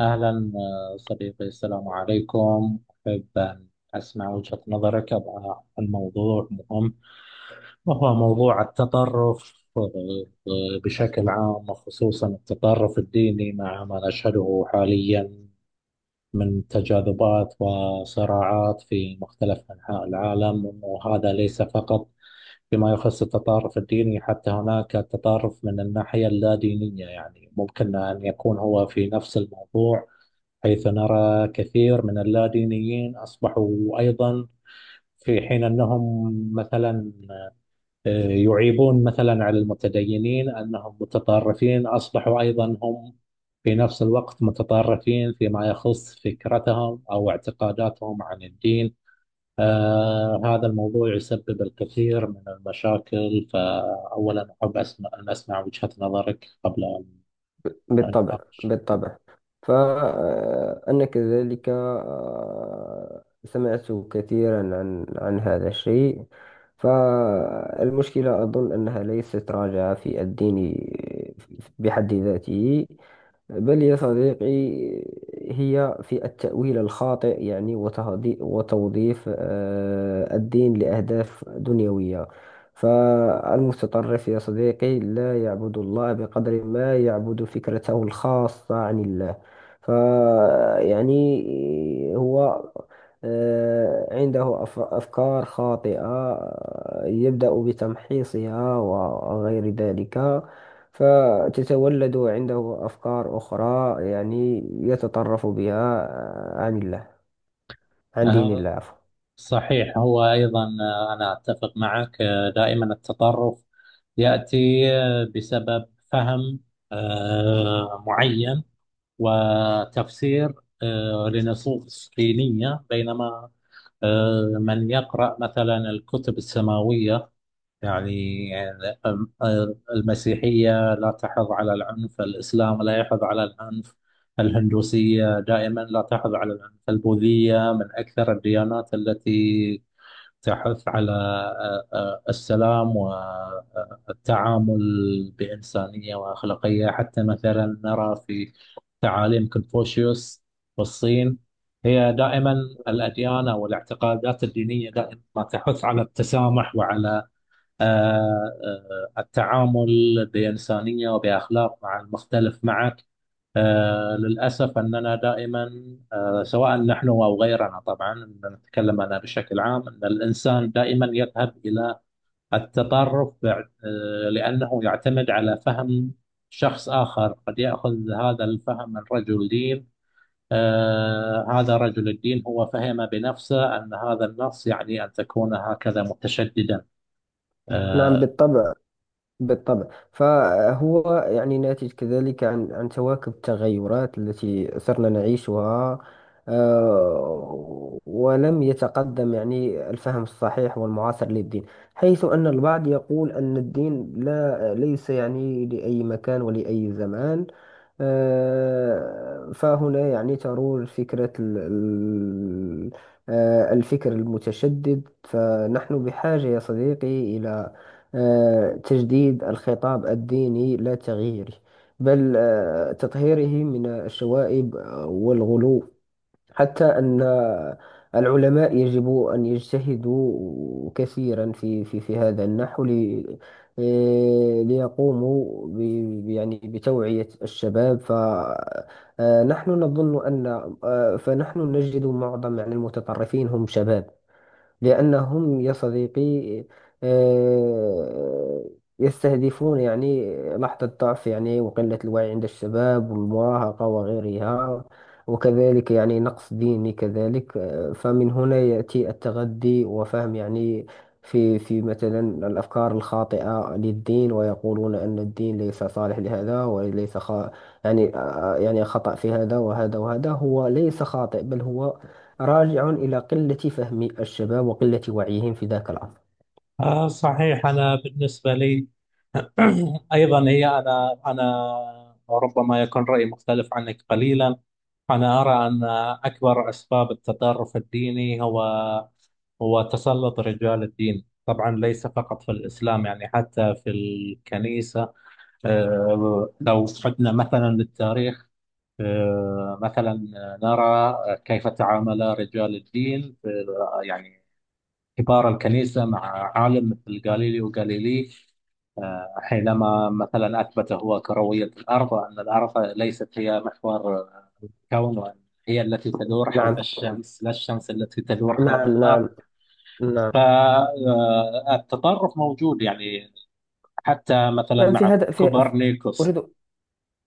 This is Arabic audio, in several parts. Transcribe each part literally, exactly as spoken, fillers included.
أهلا آه، صديقي، السلام عليكم. أحب أن أسمع وجهة نظرك عن الموضوع، مهم. وهو موضوع التطرف آه، آه، بشكل عام، وخصوصا التطرف الديني مع ما نشهده حاليا من تجاذبات وصراعات في مختلف أنحاء العالم. وهذا ليس فقط فيما يخص التطرف الديني، حتى هناك التطرف من الناحية اللا دينية، يعني ممكن أن يكون هو في نفس الموضوع، حيث نرى كثير من اللادينيين أصبحوا أيضا في حين أنهم مثلا آه، يعيبون مثلا على المتدينين أنهم متطرفين، أصبحوا أيضا هم في نفس الوقت متطرفين فيما يخص فكرتهم أو اعتقاداتهم عن الدين. آه هذا الموضوع يسبب الكثير من المشاكل. فأولا أحب أسمع أن أسمع وجهة نظرك قبل أن أن بالطبع. أناقش. بالطبع. فأنا كذلك آه، سمعت كثيرا عن عن هذا الشيء. فالمشكلة أظن أنها ليست راجعة في الدين بحد ذاته، بل يا صديقي هي في التأويل الخاطئ، يعني وتهدي- وتوظيف آه، الدين لأهداف دنيوية. فالمتطرف يا صديقي لا يعبد الله بقدر ما يعبد فكرته الخاصة عن الله. فيعني هو، آه، عنده أف- أفكار خاطئة، آه، يبدأ بتمحيصها وغير ذلك. فتتولد عنده أفكار أخرى، يعني يتطرف بها آه، عن الله، عن دين الله، آه عفوا. صحيح، هو أيضا، آه، أنا أتفق معك. آه، دائما التطرف يأتي آه، بسبب فهم آه، معين، وتفسير آه، لنصوص دينية. بينما آه، من يقرأ مثلا الكتب السماوية، يعني آه، آه، المسيحية لا تحض على العنف، الإسلام لا يحض على العنف، الهندوسية دائما لا تحض على العنف، البوذية من أكثر الديانات التي تحث على آه، آه، السلام والتعامل بإنسانية وأخلاقية. حتى مثلا نرى في تعاليم كونفوشيوس والصين، هي دائما نعم. الأديان أو الاعتقادات الدينية دائما ما تحث على التسامح وعلى آه، آه، التعامل بإنسانية وبأخلاق مع المختلف معك. آه، للأسف أننا دائما، آه، سواء نحن أو غيرنا طبعا، إن نتكلم أنا بشكل عام، أن الإنسان دائما يذهب إلى التطرف بع- آه، لأنه يعتمد على فهم شخص آخر، قد يأخذ هذا الفهم من رجل دين. آه، هذا رجل الدين هو فهم بنفسه أن هذا النص يعني أن تكون هكذا متشددا. نعم. آه، بالطبع. بالطبع. فهو يعني ناتج كذلك عن عن تواكب التغيرات التي صرنا نعيشها، آه، ولم يتقدم يعني الفهم الصحيح والمعاصر للدين. حيث أن البعض يقول أن الدين لا ليس يعني لأي مكان ولأي زمان. آه، فهنا يعني ترور فكرة ال- ال- آه، الفكر المتشدد. فنحن بحاجة يا صديقي إلى آه، تجديد الخطاب الديني لا تغييره، بل آه، تطهيره من الشوائب والغلو. حتى أن العلماء يجب أن يجتهدوا كثيرا في في في هذا النحو لي- آه، ليقوموا ب ب- يعني بتوعية الشباب. فنحن نظن أن آه، فنحن نجد معظم يعني المتطرفين هم شباب، لأنهم يا صديقي، آه، يستهدفون يعني لحظة ضعف، يعني وقلة الوعي عند الشباب والمراهقة وغيرها. وكذلك يعني نقص ديني كذلك. آه، فمن هنا يأتي التغذي وفهم يعني في في مثلا الأفكار الخاطئة للدين، ويقولون أن الدين ليس صالح لهذا وليس خ... يعني آه، يعني خطأ في هذا وهذا وهذا. هو ليس خاطئ، بل هو راجع إلى قلة فهم الشباب وقلة وعيهم في ذاك العصر. آه صحيح، أنا بالنسبة لي أيضا هي، أنا أنا ربما يكون رأيي مختلف عنك قليلا. أنا أرى أن أكبر أسباب التطرف الديني هو هو تسلط رجال الدين، طبعا ليس فقط في الإسلام، يعني حتى في الكنيسة. آه، لو عدنا مثلا للتاريخ، آه، مثلا نرى كيف تعامل رجال الدين في- يعني كبار الكنيسة مع عالم مثل غاليليو غاليلي، حينما مثلا أثبت هو كروية الأرض، وأن الأرض ليست هي محور الكون، وأن هي التي تدور حول نعم. الشمس، لا الشمس التي تدور حول نعم. نعم. الأرض. نعم. فالتطرف موجود، يعني حتى مثلا نعم. في مع هذا في كوبرنيكوس. أريد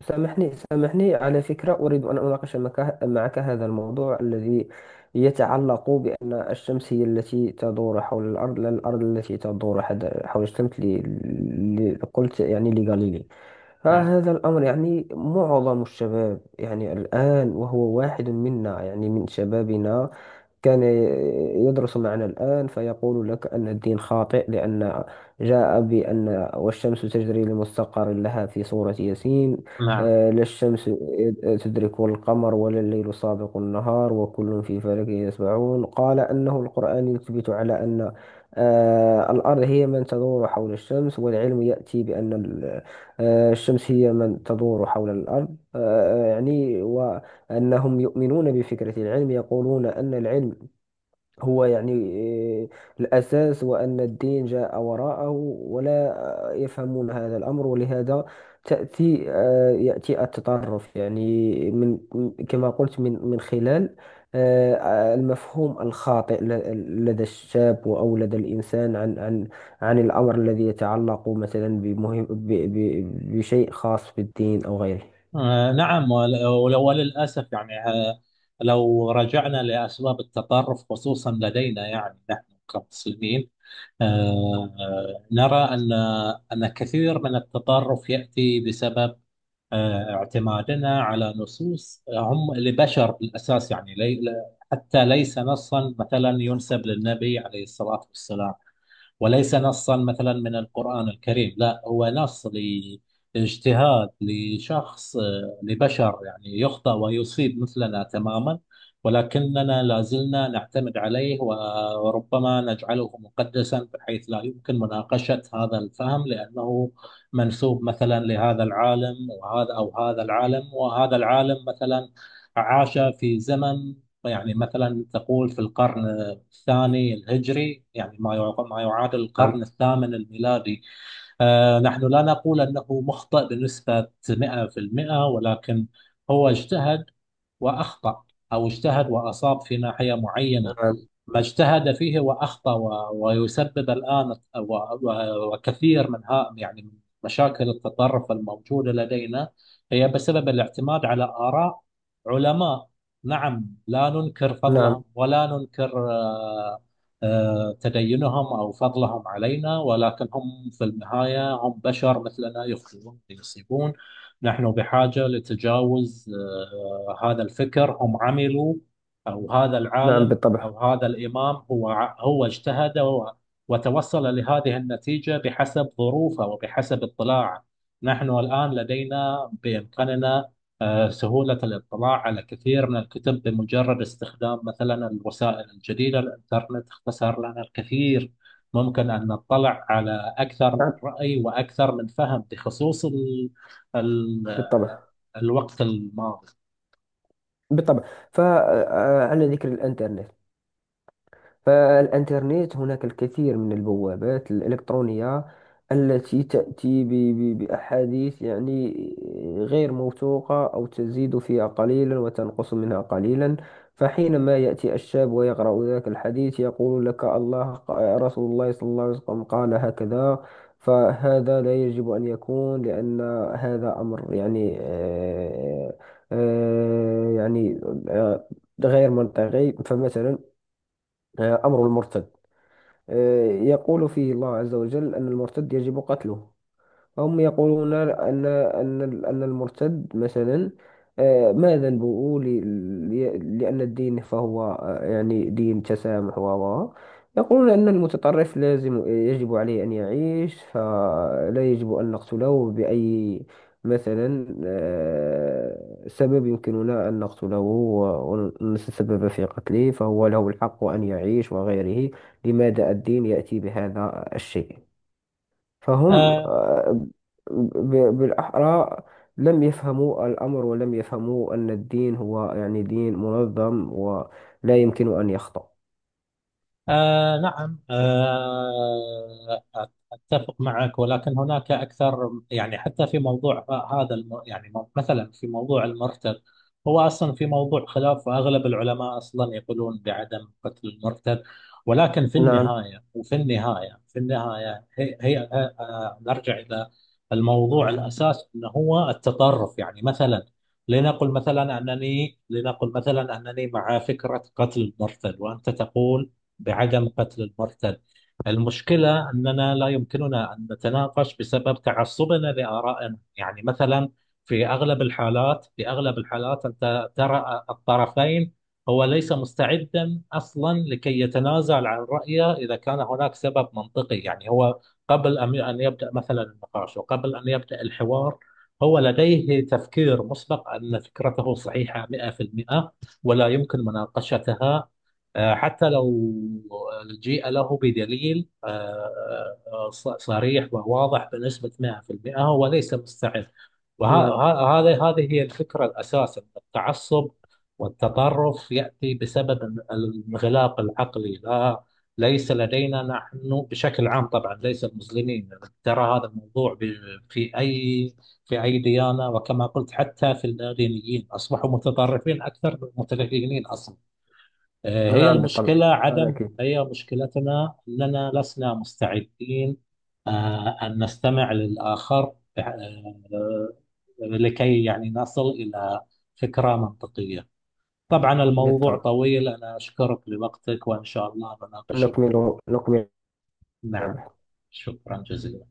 سامحني، سامحني، على فكرة، أريد أن أناقش معك معك هذا الموضوع الذي يتعلق بأن الشمس هي التي تدور حول الأرض، لا الأرض التي تدور حد- حول الشمس، ل... ل... قلت يعني لغاليليو. نعم، فهذا الأمر، يعني معظم الشباب يعني الآن وهو واحد منا يعني من شبابنا كان يدرس معنا الآن، فيقول لك أن الدين خاطئ، لأن جاء بأن: والشمس تجري لمستقر لها، في سورة ياسين. نعم. آه، لا الشمس تدرك القمر ولا الليل سابق النهار وكل في فلك يسبحون. قال أنه القرآن يثبت على أن آه، الأرض هي من تدور حول الشمس، والعلم يأتي بأن آه، الشمس هي من تدور حول الأرض. آه، آه، يعني وأنهم يؤمنون بفكرة العلم. يقولون أن العلم هو يعني آه، الأساس، هو أن الدين جاء وراءه، ولا آه، يفهمون هذا الأمر. ولهذا تأتي آه، يأتي التطرف، يعني من، كما قلت، من من خلال آه، آه، المفهوم الخاطئ ل- لدى الشاب أو لدى الإنسان عن عن عن الأمر الذي يتعلق مثلا بمهم ب- ب- بشيء خاص بالدين أو غيره. آه، نعم، ول- ول- وللأسف، يعني آه، لو رجعنا لأسباب التطرف خصوصا لدينا، يعني نحن كمسلمين، آه، نرى أن أن كثير من التطرف يأتي بسبب آه، اعتمادنا على نصوص هم لبشر بالأساس، يعني لي لا- حتى ليس نصا مثلا ينسب للنبي عليه الصلاة والسلام، وليس نصا مثلا من القرآن الكريم. لا، هو نص لاجتهاد لشخص، آه، لبشر يعني يخطئ ويصيب مثلنا تماما. ولكننا لا زلنا نعتمد عليه و- وربما نجعله مقدسا بحيث لا يمكن مناقشة هذا الفهم، لأنه منسوب مثلا لهذا العالم، وهذا أو هذا العالم. وهذا العالم مثلا عاش في زمن، يعني مثلا تقول في القرن الثاني الهجري، يعني ما يع- ما يعادل القرن نعم. الثامن الميلادي. آه، نحن لا نقول أنه مخطئ بنسبة مئة في المئة، ولكن هو اجتهد وأخطأ، أو اجتهد وأصاب في ناحية معينة. نعم. ما اجتهد فيه وأخطأ و- ويسبب الآن و- و- وكثير من ها، يعني من مشاكل التطرف الموجودة لدينا، هي بسبب الاعتماد على آراء علماء. نعم، لا ننكر نعم. فضلهم ولا ننكر آه، آه، تدينهم أو فضلهم علينا، ولكن هم في النهاية هم بشر مثلنا يخطئون ويصيبون. نحن بحاجة لتجاوز آه، هذا الفكر هم عملوا، أو هذا نعم. العالم بالطبع. أو هذا الإمام، هو هو اجتهد و- وتوصل لهذه النتيجة بحسب ظروفه وبحسب اطلاعه. نحن الآن لدينا بإمكاننا آه، سهولة الاطلاع على كثير من الكتب بمجرد استخدام مثلا الوسائل الجديدة. الإنترنت اختصر لنا الكثير، ممكن أن نطلع على أكثر من نعم. رأي وأكثر من فهم بخصوص ال ال بالطبع. الوقت الماضي. بالطبع. فعلى ذكر الانترنت، فالإنترنت هناك الكثير من البوابات الإلكترونية التي تأتي ب- ب- بأحاديث يعني غير موثوقة، أو تزيد فيها قليلا وتنقص منها قليلا. فحينما يأتي الشاب ويقرأ ذاك الحديث يقول لك: الله ق- رسول الله صلى الله عليه وسلم قال هكذا. فهذا لا يجب أن يكون، لأن هذا أمر، يعني آه، آه، يعني آه، غير منطقي. فمثلا آه، أمر المرتد، آه، يقول فيه الله عز وجل أن المرتد يجب قتله. هم يقولون أن أن أن المرتد مثلا، آه، ما ذنبه؟ ل- ل- لأن الدين، فهو آه، يعني دين تسامح و و- يقولون أن المتطرف لازم يجب عليه أن يعيش، فلا يجب أن نقتله بأي مثلا آه، سبب يمكننا أن نقتله و- ونتسبب في قتله، فهو له الحق أن يعيش وغيره. لماذا الدين يأتي بهذا الشيء؟ فهم، آه، آه، ب- بالأحرى، لم يفهموا الأمر، ولم يفهموا أن الدين هو يعني دين منظم ولا يمكن أن يخطأ. آه نعم، آه أتفق معك. ولكن هناك أكثر، يعني حتى في موضوع ه- هذا الم يعني مو- مثلا في موضوع المرتد، هو أصلا في موضوع خلاف، وأغلب العلماء أصلا يقولون بعدم قتل المرتد. ولكن في نعم. النهاية وفي النهاية في النهاية هي, هي آه آه، نرجع إلى الموضوع الأساس، أنه هو التطرف. يعني مثلا، لنقل مثلا أنني لنقل مثلا أنني مع فكرة قتل المرتد، وأنت تقول بعدم قتل المرتد. المشكلة أننا لا يمكننا أن نتناقش بسبب تعصبنا لآرائنا. يعني مثلا، في أغلب الحالات في أغلب الحالات أنت ترى الطرفين، هو ليس مستعدا أصلا لكي يتنازل عن رأيه إذا كان هناك سبب منطقي. يعني هو قبل أن أن يبدأ مثلا النقاش، وقبل أن يبدأ الحوار، هو لديه تفكير مسبق أن فكرته صحيحة مئة في المئة، ولا يمكن مناقشتها. آه، حتى لو جيء له بدليل آه، آه، ص- صريح وواضح بنسبة مئة في المئة، هو ليس مستعد. نعم. وهذا هذه هي الفكرة الأساس، أن التعصب والتطرف يأتي بسبب ال- الانغلاق العقلي. لا، ليس لدينا نحن بشكل عام طبعا، ليس المسلمين، ترى هذا الموضوع ب- في أي، في أي ديانة. وكما قلت، حتى في الدينيين أصبحوا متطرفين أكثر من المتدينين أصلا. آه، هي نعم. بالطبع. المشكلة أنا عدم، أكيد. هي مشكلتنا أننا لسنا مستعدين آه، أن نستمع للآخر، آه، آه، لكي يعني نصل إلى فكرة منطقية. طبعا الموضوع بالطبع. طويل، أنا أشكرك لوقتك، وإن شاء الله بناقشه. نكمل. نكمل. نعم، شكرا جزيلا.